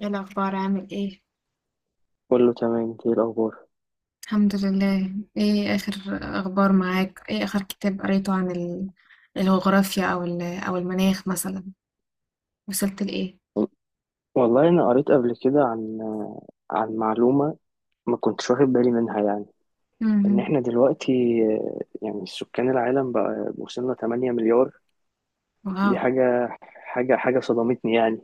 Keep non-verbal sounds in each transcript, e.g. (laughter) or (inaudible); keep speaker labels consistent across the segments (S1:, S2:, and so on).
S1: ايه الاخبار؟ عامل ايه؟
S2: كله تمام، انت ايه الاخبار؟
S1: الحمد لله. ايه اخر اخبار معاك؟ ايه اخر كتاب قريته عن الجغرافيا او المناخ مثلا؟ وصلت لايه؟
S2: والله انا قريت قبل كده عن معلومه ما كنتش واخد بالي منها يعني ان
S1: امم
S2: احنا دلوقتي. يعني سكان العالم بقى وصلنا 8 مليار.
S1: واو.
S2: دي حاجه صدمتني يعني.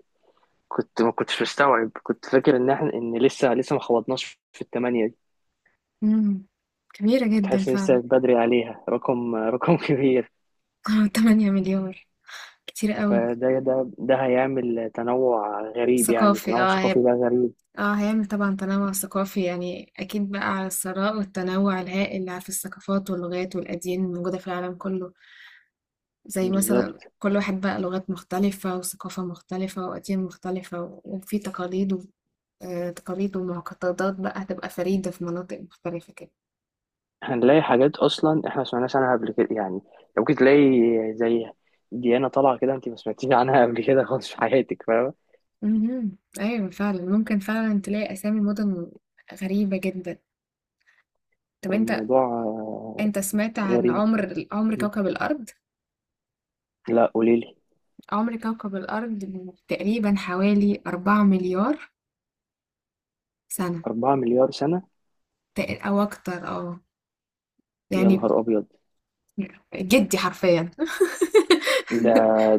S2: كنت ما كنتش مستوعب، كنت فاكر ان لسه ما خبطناش في الثمانية دي.
S1: امم كبيرة
S2: كنت
S1: جدا
S2: حاسس إن لسه
S1: فعلا.
S2: بدري عليها رقم رقم (laughs) كبير.
S1: (laughs) 8 مليار، كتير قوي.
S2: فده ده ده هيعمل تنوع غريب، يعني
S1: ثقافي،
S2: تنوع
S1: اه
S2: ثقافي
S1: هيب.
S2: بقى غريب.
S1: اه، هيعمل طبعا تنوع ثقافي، يعني اكيد بقى على الثراء والتنوع الهائل اللي في الثقافات واللغات والاديان الموجودة في العالم كله. زي
S2: بالظبط.
S1: مثلا كل واحد بقى لغات مختلفة وثقافة مختلفة وأديان مختلفة وفي تقاليد و تقاليد ومعتقدات بقى هتبقى فريدة في مناطق مختلفة كده.
S2: هنلاقي حاجات اصلا احنا ما سمعناش عنها قبل كده يعني، ممكن تلاقي زي ديانة طالعة كده انت ما سمعتيش عنها قبل كده خالص في حياتك، فاهمة.
S1: مهم. أيوة فعلا، ممكن فعلا تلاقي أسامي مدن غريبة جدا. طب انت،
S2: الموضوع
S1: انت سمعت عن
S2: غريب.
S1: عمر
S2: م.
S1: كوكب الأرض؟
S2: لا قوليلي.
S1: عمر كوكب الأرض تقريبا حوالي أربعة مليار سنة.
S2: أربعة مليار سنة؟
S1: أو أكتر، اه
S2: يا
S1: يعني.
S2: نهار أبيض!
S1: جدي حرفيا (laughs)
S2: ده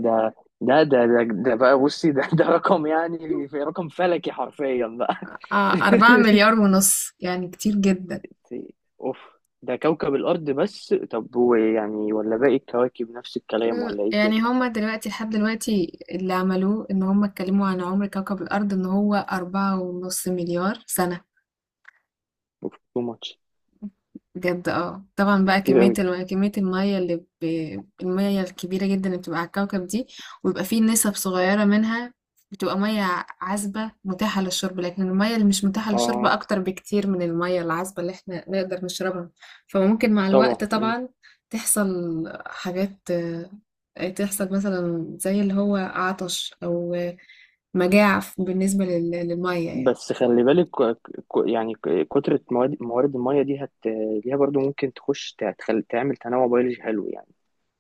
S2: ده ده بقى، بصي، ده رقم، يعني في رقم فلكي حرفيا بقى.
S1: أربعة مليار ونص، يعني كتير جدا.
S2: (laughs) اوف. ده كوكب الأرض، بس طب هو يعني ولا باقي الكواكب نفس الكلام، ولا ايه
S1: يعني
S2: الدنيا؟
S1: هما دلوقتي لحد دلوقتي اللي عملوه ان هما اتكلموا عن عمر كوكب الارض ان هو أربعة ونص مليار سنة.
S2: اوف تو ماتش.
S1: بجد اه، طبعا بقى
S2: كتير
S1: كمية
S2: قوي.
S1: كمية المية اللي ب... المية الكبيرة جدا اللي بتبقى على الكوكب دي، ويبقى فيه نسب صغيرة منها بتبقى مية عذبة متاحة للشرب، لكن المية اللي مش متاحة للشرب
S2: اه
S1: أكتر بكتير من المية العذبة اللي احنا نقدر نشربها. فممكن مع الوقت
S2: طبعا.
S1: طبعا تحصل حاجات، تحصل مثلا زي اللي هو عطش أو مجاعة بالنسبة للمية يعني.
S2: بس خلي بالك كترة موارد المية دي ليها برضو ممكن تخش تعمل تنوع بيولوجي حلو يعني.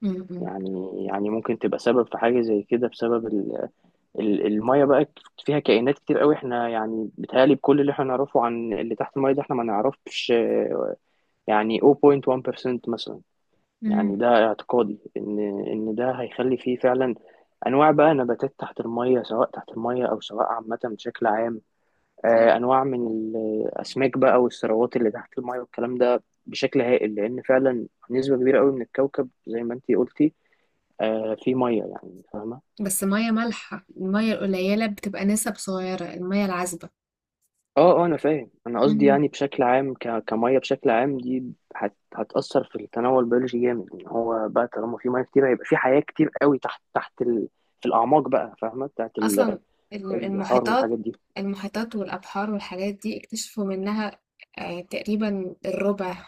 S1: م-
S2: يعني ممكن تبقى سبب في حاجة زي كده بسبب المية بقى فيها كائنات كتير قوي. احنا يعني بيتهيألي بكل اللي احنا نعرفه عن اللي تحت المية ده احنا ما نعرفش، يعني 0.1% مثلا.
S1: م-
S2: يعني ده اعتقادي ان ده هيخلي فيه فعلا انواع بقى نباتات تحت المية، سواء تحت المية او سواء عامة بشكل عام.
S1: م.
S2: انواع من الاسماك بقى والثروات اللي تحت المايه والكلام ده بشكل هائل، لان فعلا نسبه كبيره قوي من الكوكب زي ما انتي قلتي، في ميه يعني، فاهمه.
S1: بس مية مالحة، المية القليلة بتبقى نسب صغيرة، المية العذبة.
S2: اه اه، انا فاهم، انا قصدي
S1: مم.
S2: يعني بشكل عام، ك... كميه بشكل عام دي هتاثر في التنوع البيولوجي جامد، ان هو بقى طالما في ميه كتير هيبقى في حياه كتير قوي تحت في الاعماق بقى، فاهمه، بتاعت
S1: أصلا
S2: البحار
S1: المحيطات.
S2: والحاجات دي.
S1: المحيطات والأبحار والحاجات دي اكتشفوا منها آه، تقريبا الربع.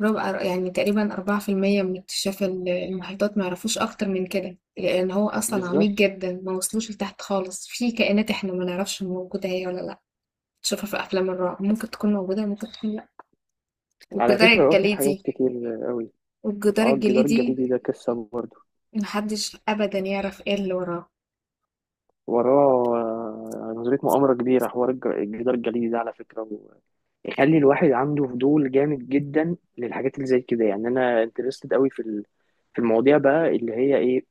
S1: ربع يعني تقريبا أربعة في المية من اكتشاف المحيطات. ما يعرفوش أكتر من كده لأن هو أصلا عميق
S2: بالظبط.
S1: جدا، ما وصلوش لتحت خالص. في كائنات احنا ما نعرفش موجودة هي ولا لأ، تشوفها في أفلام الرعب، ممكن تكون موجودة ممكن تكون لأ.
S2: على
S1: والجدار
S2: فكره هو في حاجات
S1: الجليدي،
S2: كتير قوي.
S1: والجدار
S2: اه الجدار
S1: الجليدي
S2: الجليدي ده قصه برضه.
S1: محدش ابدا يعرف ايه اللي وراه.
S2: وراه نظرية مؤامرة كبيرة. حوار الجدار الجليدي ده على فكرة يخلي الواحد عنده فضول جامد جدا للحاجات اللي زي كده يعني. أنا انترستد قوي في في المواضيع بقى، اللي هي إيه،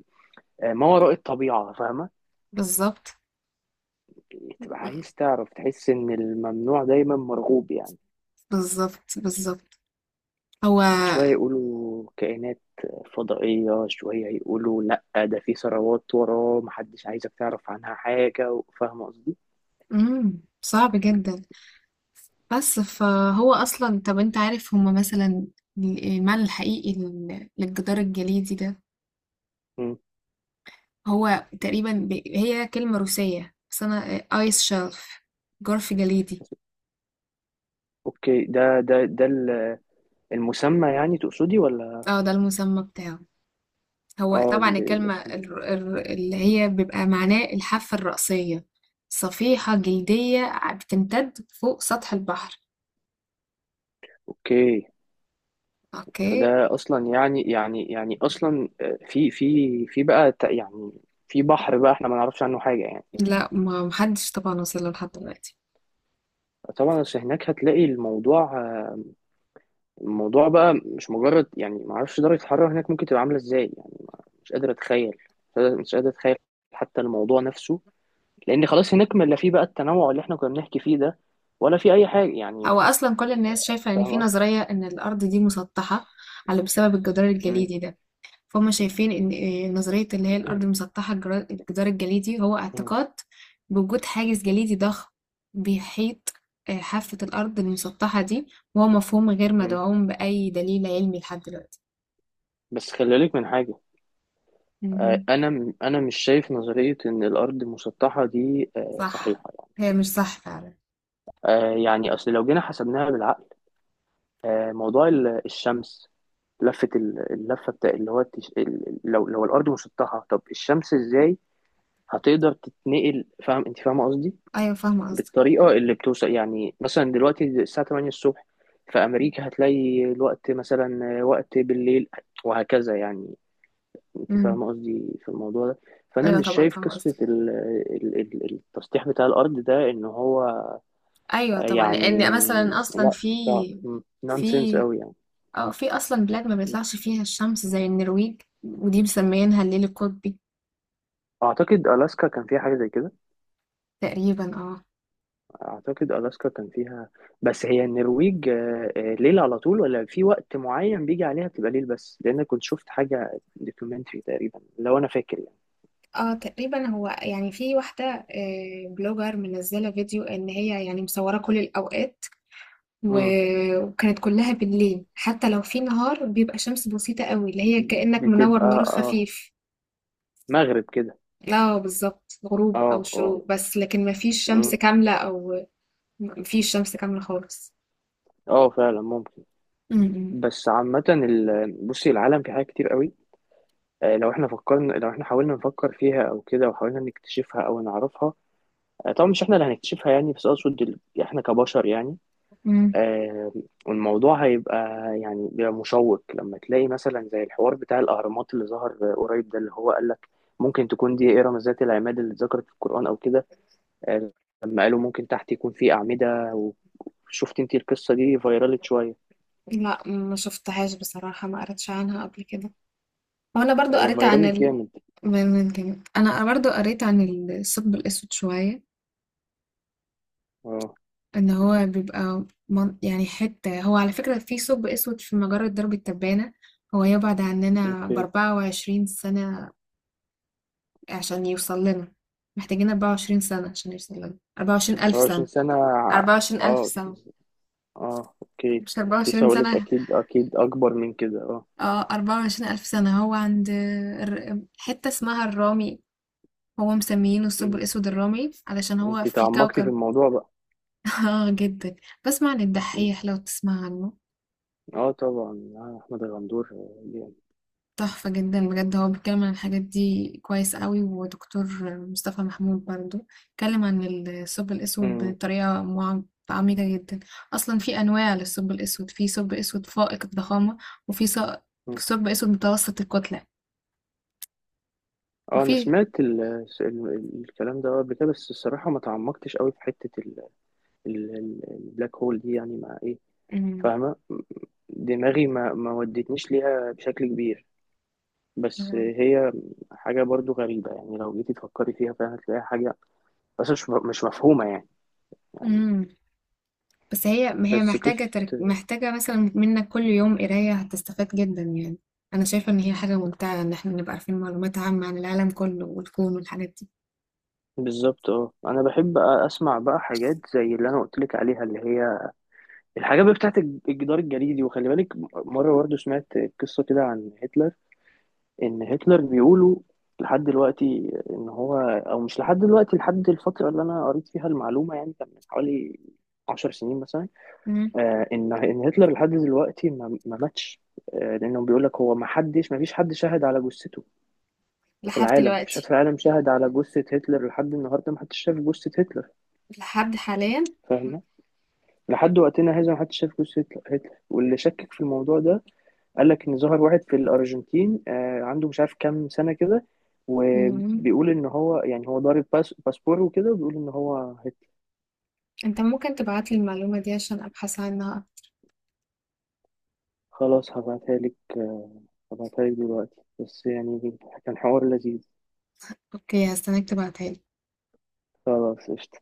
S2: ما وراء الطبيعة، فاهمة.
S1: بالظبط،
S2: تبقى عايز تعرف، تحس إن الممنوع دايما مرغوب يعني.
S1: بالظبط، بالظبط. هو،
S2: شوية يقولوا كائنات فضائية، شوية يقولوا لأ ده في ثروات وراه محدش عايزك تعرف عنها حاجة، فاهمة قصدي؟
S1: صعب جدا. بس فهو اصلا، طب انت عارف هما مثلا المعنى الحقيقي للجدار الجليدي ده؟
S2: مم.
S1: هو تقريبا هي كلمة روسية، بس انا. ايس شلف، جرف جليدي.
S2: أوكي، المسمى يعني تقصدي ولا؟
S1: اه ده المسمى بتاعه. هو
S2: اه
S1: طبعا الكلمة
S2: الاسمين.
S1: اللي هي بيبقى معناه الحافة الرأسية، صفيحة جلدية بتمتد فوق سطح البحر.
S2: اوكي.
S1: اوكي.
S2: فده اصلا يعني اصلا في بقى يعني في بحر بقى احنا ما نعرفش عنه حاجه يعني.
S1: لا، ما محدش طبعا وصل له لحد دلوقتي.
S2: طبعا بس هناك هتلاقي الموضوع، الموضوع بقى مش مجرد يعني ما اعرفش درجه الحراره هناك ممكن تبقى عامله ازاي يعني. مش قادر اتخيل، مش قادر اتخيل حتى الموضوع نفسه. لان خلاص هناك ما لا في بقى التنوع اللي احنا كنا بنحكي فيه ده، ولا في اي حاجه يعني،
S1: هو اصلا كل الناس شايفه ان في
S2: فاهمه.
S1: نظريه ان الارض دي مسطحه، على بسبب الجدار
S2: مم.
S1: الجليدي ده. فهم شايفين ان إيه، نظريه اللي هي الارض مسطحه. الجدار الجليدي هو
S2: مم.
S1: اعتقاد بوجود حاجز جليدي ضخم، بيحيط آه، حافه الارض المسطحه دي. وهو مفهوم غير
S2: مم.
S1: مدعوم باي دليل علمي لحد دلوقتي.
S2: بس خلي بالك من حاجه.
S1: مهم.
S2: انا مش شايف نظريه ان الارض مسطحه دي
S1: صح،
S2: صحيحه يعني.
S1: هي مش صح فعلا.
S2: يعني اصل لو جينا حسبناها بالعقل، موضوع الشمس، اللفه بتاع اللي هو لو الارض مسطحه طب الشمس ازاي هتقدر تتنقل؟ فاهم انت، فاهمه قصدي؟
S1: ايوه فاهمه قصدك.
S2: بالطريقه اللي بتوصل يعني مثلا دلوقتي الساعه 8 الصبح في امريكا هتلاقي الوقت مثلا، وقت بالليل، وهكذا يعني. انت
S1: امم
S2: فاهمه قصدي في الموضوع ده. فانا
S1: ايوه
S2: مش
S1: طبعا
S2: شايف
S1: فاهمه
S2: قصه
S1: قصدك.
S2: التسطيح بتاع الارض ده ان هو
S1: ايوه طبعا،
S2: يعني.
S1: لان مثلا اصلا
S2: لا
S1: في،
S2: صعب، نونسنس
S1: في
S2: قوي يعني.
S1: اه في اصلا بلاد ما
S2: م.
S1: بيطلعش فيها الشمس زي النرويج، ودي مسميينها الليل القطبي.
S2: اعتقد الاسكا كان فيها حاجه زي كده.
S1: تقريبا اه.
S2: اعتقد الاسكا كان فيها بس هي النرويج ليل على طول ولا في وقت معين بيجي عليها بتبقى ليل بس، لان كنت شفت حاجه دوكيومنتري تقريبا لو انا فاكر يعني.
S1: اه تقريبا، هو يعني في واحدة آه، بلوجر منزلة فيديو ان هي يعني مصورة كل الاوقات،
S2: م.
S1: وكانت كلها بالليل، حتى لو في نهار بيبقى شمس بسيطة قوي اللي هي كأنك منور
S2: بتبقى،
S1: نور
S2: اه،
S1: خفيف.
S2: مغرب كده.
S1: لا، بالظبط، غروب او
S2: اه اه.
S1: شروق بس، لكن مفيش
S2: م.
S1: شمس كاملة او مفيش شمس كاملة خالص.
S2: اه فعلا ممكن.
S1: م.
S2: بس عامة بصي العالم في حاجات كتير قوي، لو احنا حاولنا نفكر فيها او كده وحاولنا نكتشفها او نعرفها، طبعا مش احنا اللي هنكتشفها يعني، بس اقصد احنا كبشر يعني.
S1: مم.
S2: آه، والموضوع هيبقى يعني، بيبقى مشوق لما تلاقي مثلا زي الحوار بتاع الاهرامات اللي ظهر قريب ده، اللي هو قال لك ممكن تكون دي اهرام ذات العماد اللي اتذكرت في القرآن او كده. آه، لما قالوا ممكن تحت يكون في أعمدة، وشفت انت القصة دي فيرالت شوية.
S1: لا، ما شفتهاش بصراحة، ما قريتش عنها قبل كده. وانا برضو قريت عن
S2: فيرالت جامد.
S1: من تاني. انا برضو قريت عن الثقب الاسود شوية.
S2: اه
S1: ان هو بيبقى يعني حتة، هو على فكرة في ثقب اسود في مجرة درب التبانة. هو يبعد عننا
S2: اوكي
S1: بأربعة وعشرين سنة عشان يوصل لنا، محتاجين أربعة وعشرين سنة عشان يوصل لنا أربعة وعشرين ألف
S2: 24
S1: سنة.
S2: سنة
S1: أربعة وعشرين ألف
S2: اه
S1: سنة،
S2: اه اوكي،
S1: مش أربعة
S2: كنت لسه
S1: وعشرين
S2: هقولك
S1: سنة.
S2: اكيد اكيد اكبر من كده اه.
S1: اه أربعة وعشرين ألف سنة. هو عند حتة اسمها الرامي، هو مسميينه الثقب
S2: م.
S1: الأسود الرملي علشان هو
S2: انت
S1: في
S2: تعمقتي في
S1: كوكب.
S2: الموضوع بقى.
S1: (laughs) اه جدا. بسمع عن
S2: م.
S1: الدحيح لو تسمع عنه.
S2: اه طبعا، آه احمد غندور جامد.
S1: تحفة جدا بجد، هو بيتكلم عن الحاجات دي كويس قوي. ودكتور مصطفى محمود برضو اتكلم عن الثقب الأسود
S2: م.
S1: بطريقة عميقة جدا. أصلا في أنواع للثقب الأسود، في ثقب أسود فائق الضخامة، وفي ثق-
S2: م.
S1: ثقب أسود متوسط الكتلة،
S2: اه انا
S1: وفي.
S2: سمعت ال ال الكلام ده قبل كده، بس الصراحة ما تعمقتش قوي في حتة البلاك هول دي، يعني مع ايه،
S1: مم.
S2: فاهمة، دماغي ما ودتنيش ليها بشكل كبير. بس هي حاجة برضو غريبة، يعني لو جيتي تفكري فيها فعلا هتلاقيها حاجة، بس مش مفهومة يعني. يعني
S1: مم. بس هي، ما هي
S2: بس
S1: محتاجة
S2: قصة.
S1: محتاجة مثلا منك كل يوم قراية، هتستفاد جدا يعني. أنا شايفة إن هي حاجة ممتعة إن إحنا نبقى عارفين معلومات عامة عن العالم كله والكون والحاجات دي.
S2: بالظبط. اه انا بحب اسمع بقى حاجات زي اللي انا قلت لك عليها، اللي هي الحاجات بقى بتاعت الجدار الجليدي. وخلي بالك مره برضه سمعت قصه كده عن هتلر، ان هتلر بيقولوا لحد دلوقتي ان هو، او مش لحد دلوقتي، لحد الفتره اللي انا قريت فيها المعلومه يعني كان من حوالي 10 سنين مثلا،
S1: مم.
S2: آه ان هتلر لحد دلوقتي ما ماتش. آه لانه بيقول لك هو ما حدش ما فيش حد شهد على جثته في
S1: لحد
S2: العالم، مفيش حد
S1: دلوقتي.
S2: في العالم شاهد على جثة هتلر لحد النهاردة، محدش شاف جثة هتلر.
S1: لحد حاليا.
S2: فاهمة. لحد وقتنا هذا محدش شاف جثة هتلر. واللي شكك في الموضوع ده قال لك إن ظهر واحد في الأرجنتين، آه عنده مش عارف كام سنة كده،
S1: مم.
S2: وبيقول إن هو، يعني هو ضارب باسبور وكده، وبيقول إن هو هتلر.
S1: انت ممكن تبعتلي المعلومة دي عشان ابحث عنها؟
S2: خلاص هبعتها لك آه، هبعتها لك دلوقتي بس، يعني كان حوار لذيذ.
S1: أوكي، هستناك تبعتها.
S2: خلاص قشطة.